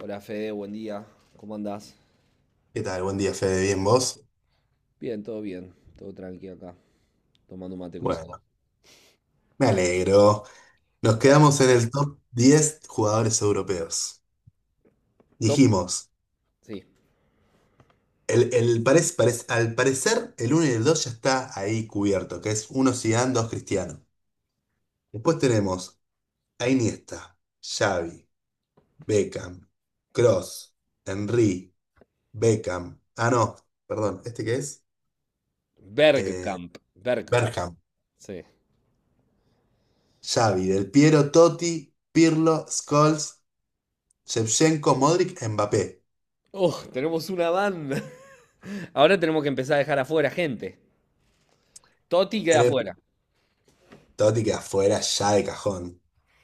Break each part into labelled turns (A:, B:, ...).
A: Hola Fede, buen día. ¿Cómo andás?
B: ¿Qué tal? Buen día, Fede. ¿Bien vos?
A: Bien. Todo tranqui acá. Tomando un mate cocido.
B: Bueno, me alegro. Nos
A: Eh,
B: quedamos en el top 10 jugadores europeos.
A: Top.
B: Dijimos,
A: Sí.
B: al parecer el uno y el 2 ya está ahí cubierto, que es uno Zidane, dos Cristiano. Después tenemos a Iniesta, Xavi, Beckham, Cross, Henry, Beckham. Ah, no, perdón, ¿este qué es? Eh,
A: Bergkamp. Bergkamp.
B: Bergkamp,
A: Sí.
B: Xavi, Del Piero, Totti, Pirlo, Scholes, Shevchenko, Modric, Mbappé.
A: Oh, tenemos una banda. Ahora tenemos que empezar a dejar afuera gente. Totti queda
B: En el
A: afuera.
B: Totti queda afuera ya de cajón.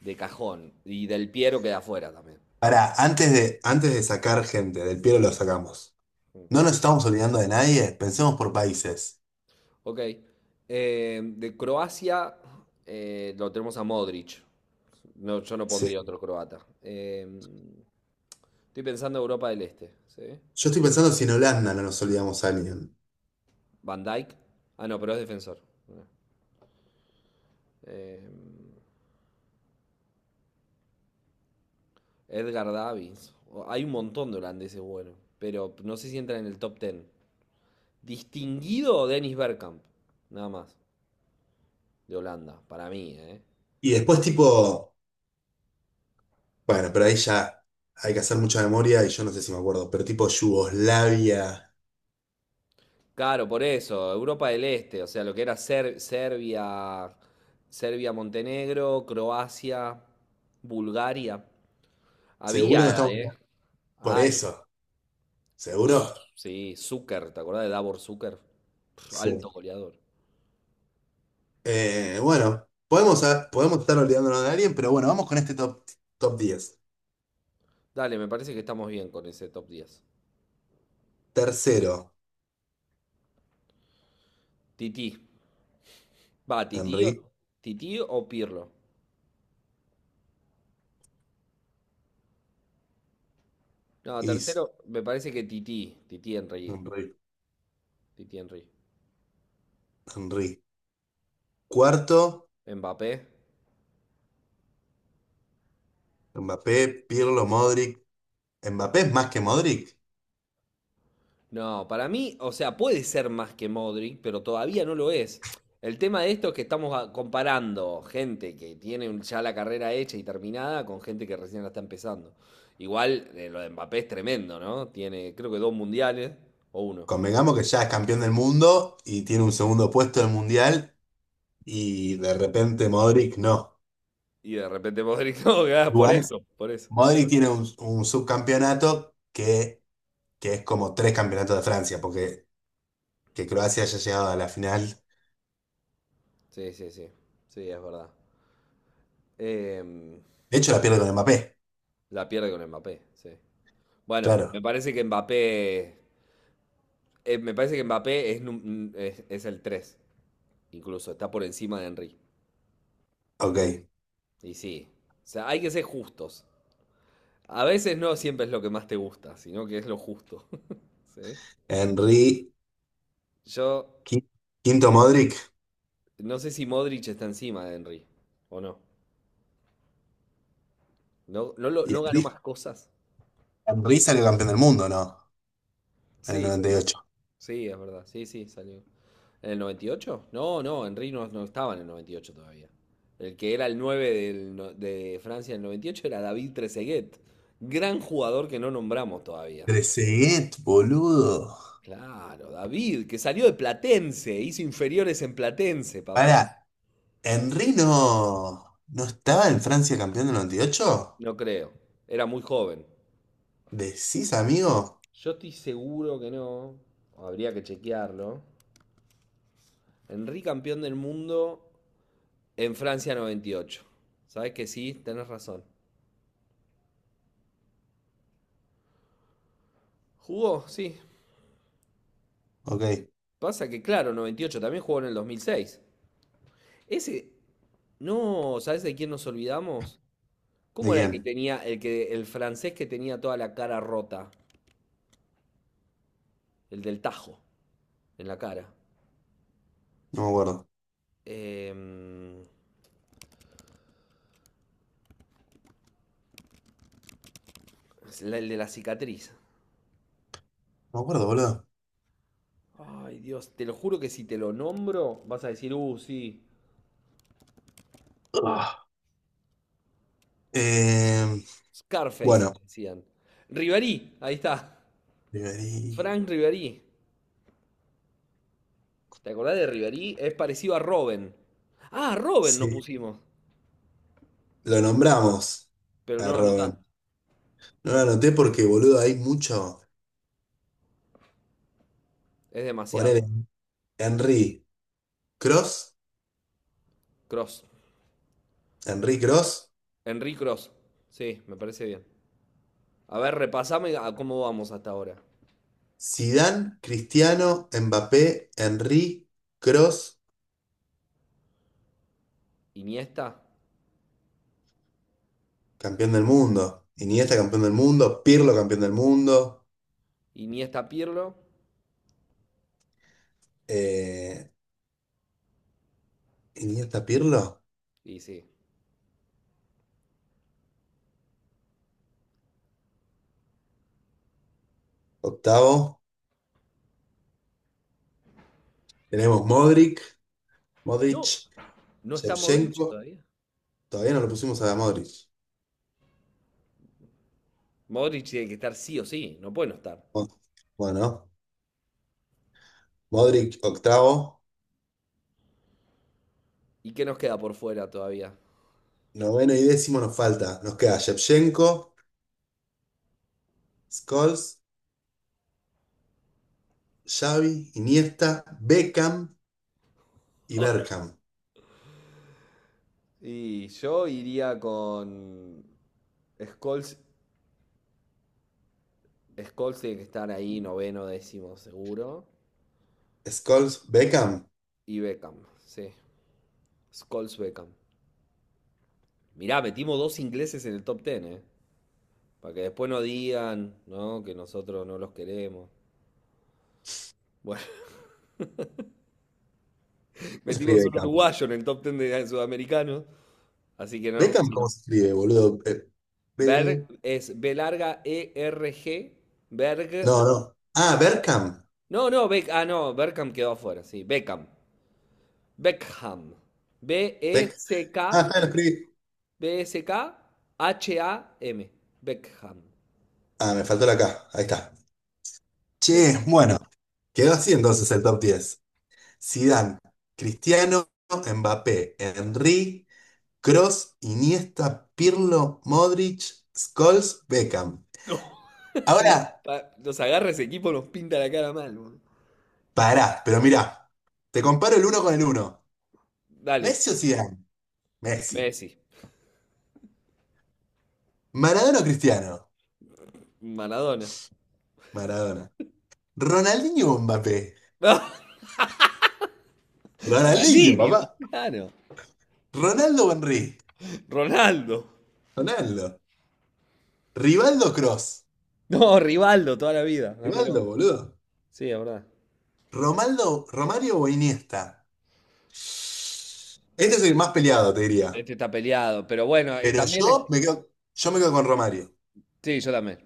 A: De cajón. Y Del Piero queda afuera también.
B: Pará, antes de sacar gente, del Piero lo sacamos. No nos estamos olvidando de nadie, pensemos por países.
A: Ok. De Croacia lo tenemos a Modric. No, yo no pondría
B: Sí.
A: otro croata. Estoy pensando en Europa del Este. ¿Sí?
B: Yo estoy pensando si en Holanda no nos olvidamos a alguien.
A: Van Dijk, ah, no, pero es defensor. Eh, Edgar Davids, hay un montón de holandeses buenos. Pero no sé si entran en el top 10. Distinguido Dennis Bergkamp. Nada más. De Holanda. Para mí, ¿eh?
B: Y después, tipo, bueno, pero ahí ya hay que hacer mucha memoria y yo no sé si me acuerdo, pero tipo Yugoslavia.
A: Claro, por eso. Europa del Este. O sea, lo que era Serbia. Serbia, Montenegro, Croacia, Bulgaria.
B: Seguro no
A: Había,
B: estamos.
A: ¿eh?
B: Por
A: Ay,
B: eso. Seguro.
A: sí, Zucker, ¿te acordás de Davor Zucker? Pf,
B: Sí.
A: alto goleador.
B: Bueno, podemos estar olvidándonos de alguien, pero bueno, vamos con este top, top diez.
A: Dale, me parece que estamos bien con ese top diez.
B: Tercero,
A: Tití. Va,
B: Henry.
A: Tití o Pirlo. No, tercero,
B: Is
A: me parece que Tití. Tití Henry.
B: Henry,
A: Tití Henry.
B: Henry. Cuarto,
A: Mbappé.
B: Mbappé, Pirlo, Modric. Mbappé es más que Modric.
A: No, para mí, o sea, puede ser más que Modric, pero todavía no lo es. El tema de esto es que estamos comparando gente que tiene ya la carrera hecha y terminada con gente que recién la está empezando. Igual, lo de Mbappé es tremendo, ¿no? Tiene, creo que dos mundiales o uno.
B: Convengamos que ya es campeón del mundo y tiene un segundo puesto del mundial y de repente Modric no.
A: Y de repente Modric no, gana por
B: Igual,
A: eso, por eso.
B: Modric tiene un subcampeonato que es como tres campeonatos de Francia, porque que Croacia haya llegado a la final.
A: Sí, sí, sí. Sí, es verdad. Em,
B: De hecho, la pierde con Mbappé.
A: la pierde con Mbappé, sí. Bueno, me
B: Claro,
A: parece que Mbappé. Me parece que Mbappé es el tres. Incluso está por encima de Henry.
B: ok.
A: Y sí. O sea, hay que ser justos. A veces no siempre es lo que más te gusta, sino que es lo justo. ¿Sí?
B: Henry,
A: Yo
B: qui- quinto Modric.
A: no sé si Modric está encima de Henry o no. ¿No, no,
B: Y
A: no ganó
B: Henry,
A: más cosas?
B: Henry salió campeón del mundo, ¿no? En el
A: Sí,
B: noventa y
A: seguro.
B: ocho.
A: Sí, es verdad. Sí, sí, salió. ¿En el noventa y ocho? No, no, Henry no, no estaba en el 98 todavía. El que era el 9 del de Francia en el 98 era David Trezeguet, gran jugador que no nombramos todavía.
B: Trezeguet, boludo.
A: Claro, David, que salió de Platense, hizo inferiores en Platense, papá.
B: Para, ¿Henry no estaba en Francia campeón del 98?
A: No creo, era muy joven.
B: ¿Decís, amigo?
A: Yo estoy seguro que no, habría que chequearlo. Henry campeón del mundo en Francia noventa y ocho. ¿Sabes que sí? Tenés razón. ¿Jugó? Sí,
B: Ok, ¿de
A: pasa que, claro, 98 también jugó en el 2006. Ese, no, ¿sabes de quién nos olvidamos? ¿Cómo era el que
B: quién?
A: tenía, el que, el francés que tenía toda la cara rota? El del tajo en la cara.
B: No me acuerdo.
A: Em, es el de la cicatriz.
B: No me acuerdo, boludo.
A: Ay, Dios, te lo juro que si te lo nombro, vas a decir, sí.
B: Ah. Eh,
A: Scarface,
B: bueno,
A: le decían. Ribéry, ahí está.
B: Ribery.
A: Frank Ribéry. ¿Te acordás de Ribéry? Es parecido a Robin. Ah, Robin no
B: Sí,
A: pusimos.
B: lo nombramos
A: Pero no
B: a
A: lo anotás.
B: Robin. No lo anoté porque, boludo, hay mucho.
A: Es
B: Poner
A: demasiado.
B: Henry Cross,
A: Cross.
B: Henry Cross,
A: Henry Cross. Sí, me parece bien. A ver, repasame a cómo vamos hasta ahora.
B: Zidane, Cristiano, Mbappé, Henry Cross.
A: Iniesta.
B: Campeón del mundo. Iniesta campeón del mundo. Pirlo campeón del mundo.
A: Iniesta Pirlo.
B: Eh, Iniesta Pirlo.
A: Y sí.
B: Octavo. Tenemos Modric. Modric.
A: No, no está Modric
B: Shevchenko.
A: todavía.
B: Todavía no lo pusimos a Modric.
A: Modric tiene que estar sí o sí. No puede no estar.
B: Mo- Bueno, Modric octavo.
A: ¿Y qué nos queda por fuera todavía?
B: Noveno y décimo nos falta. Nos queda Shevchenko, Scholes, Xavi, Iniesta, Beckham y Bergkamp.
A: Y yo iría con Scholes. Scholes tiene que estar ahí, noveno, décimo, seguro.
B: Scholes, Beckham.
A: Y Beckham. Sí. Scholes Beckham. Mirá, metimos dos ingleses en el top diez, ¿eh? Para que después no digan, ¿no? Que nosotros no los queremos. Bueno,
B: ¿Cómo se escribe
A: metimos un
B: Beckham?
A: uruguayo en el top 10 de sudamericanos. Así que no,
B: Beckham,
A: si
B: ¿cómo
A: no.
B: se escribe, boludo?
A: Berg es B larga E R G.
B: No,
A: Berg.
B: no. Ah, Bergkamp.
A: No, no, ah, no, Beckham quedó afuera, sí. Beckham. Beckham. B-E-C-K. E
B: Beck-
A: C K
B: Ah, está, lo escribí.
A: B E C K H A M Beckham.
B: Ah, me faltó la K. Ahí está.
A: Beckham.
B: Che, bueno. ¿Quedó así entonces el top 10? Zidane, Cristiano, Mbappé, Henry, Kroos, Iniesta, Pirlo, Modric, Scholes, Beckham.
A: No,
B: Ahora,
A: nos agarra ese equipo, nos pinta la cara mal, boludo.
B: pará, pero mirá. Te comparo el uno con el uno.
A: Dale,
B: ¿Messi o Zidane? Messi.
A: Messi.
B: ¿Maradona o Cristiano?
A: Maradona.
B: Maradona. ¿Ronaldinho o Mbappé? Ronaldinho,
A: Ronaldinho.
B: papá.
A: Claro.
B: ¿Ronaldo o Henry?
A: Ronaldo.
B: Ronaldo. Rivaldo Cross.
A: No, Rivaldo, toda la vida. Dámelo.
B: Rivaldo, boludo.
A: Sí, es verdad.
B: Romaldo, Romario o Iniesta. Este es el más peleado, te diría.
A: Este está peleado. Pero bueno, también es.
B: Yo me quedo con Romario.
A: Sí, yo también.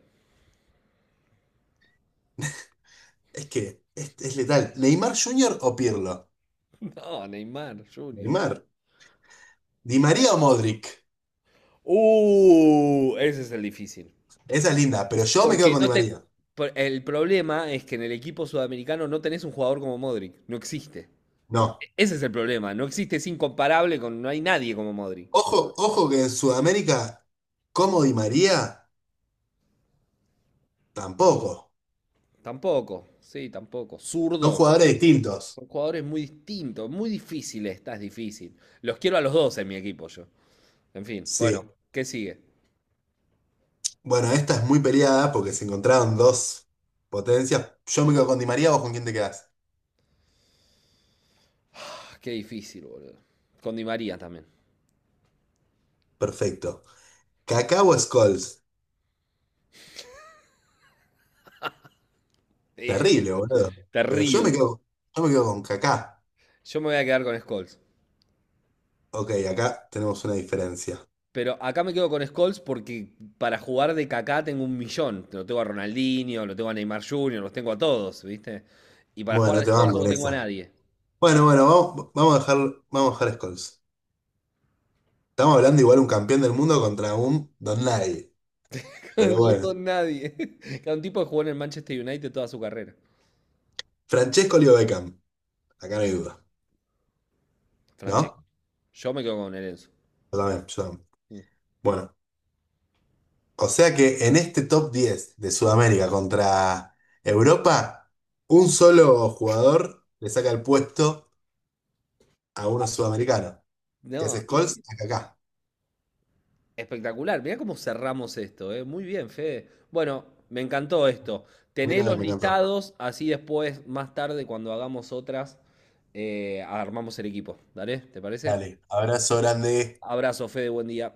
B: Es que es letal. ¿Neymar Jr. o Pirlo?
A: No, Neymar Junior.
B: Neymar. ¿Di María o Modric?
A: Ese es el difícil.
B: Esa es linda, pero yo me quedo
A: Porque
B: con
A: no
B: Di
A: te.
B: María.
A: El problema es que en el equipo sudamericano no tenés un jugador como Modric. No existe.
B: No.
A: Ese es el problema. No existe, es incomparable con. No hay nadie como Modric.
B: Ojo, ojo que en Sudamérica, como Di María, tampoco.
A: Tampoco. Sí, tampoco.
B: Son
A: Zurdo.
B: jugadores distintos.
A: Son jugadores muy distintos, muy difíciles, estás difícil. Los quiero a los dos en mi equipo yo. En fin,
B: Sí.
A: bueno, ¿qué sigue?
B: Bueno, esta es muy peleada porque se encontraron dos potencias. Yo me quedo con Di María, ¿vos con quién te quedás?
A: Ah, qué difícil, boludo. Con Di María también.
B: Perfecto. ¿Kaká o Scholes?
A: Eh,
B: Terrible, boludo. Pero yo me
A: Terrible.
B: quedo, yo me quedo con Kaká.
A: Yo me voy a quedar con Scholes.
B: Ok, acá tenemos una diferencia.
A: Pero acá me quedo con Scholes porque para jugar de Kaká tengo un millón. Lo tengo a Ronaldinho, lo tengo a Neymar Jr., los tengo a todos, ¿viste? Y para jugar
B: Bueno,
A: de
B: te. Ah,
A: Scholes
B: banco
A: no
B: en
A: tengo a
B: esa.
A: nadie.
B: Bueno, bueno, vamos, vamos a dejar, vamos a dejar Scholes. Estamos hablando igual un campeón del mundo contra un don nadie. Pero
A: No
B: bueno.
A: tengo a nadie. Cada un tipo que jugó en el Manchester United toda su carrera.
B: Francesco Leo Beckham. Acá no hay duda.
A: Francesco.
B: ¿No?
A: Yo me quedo con el Enzo.
B: Yo también, yo también. Bueno. O sea que en este top 10 de Sudamérica contra Europa, un solo jugador le saca el puesto a uno sudamericano, que es
A: No, y
B: Scholes acá.
A: espectacular, mirá cómo cerramos esto, ¿eh? Muy bien, Fede. Bueno, me encantó esto. Tené
B: Mira que
A: los
B: me encantó.
A: listados, así después, más tarde, cuando hagamos otras, armamos el equipo. ¿Dale? ¿Te parece?
B: Dale, abrazo grande.
A: Abrazo, Fede, buen día.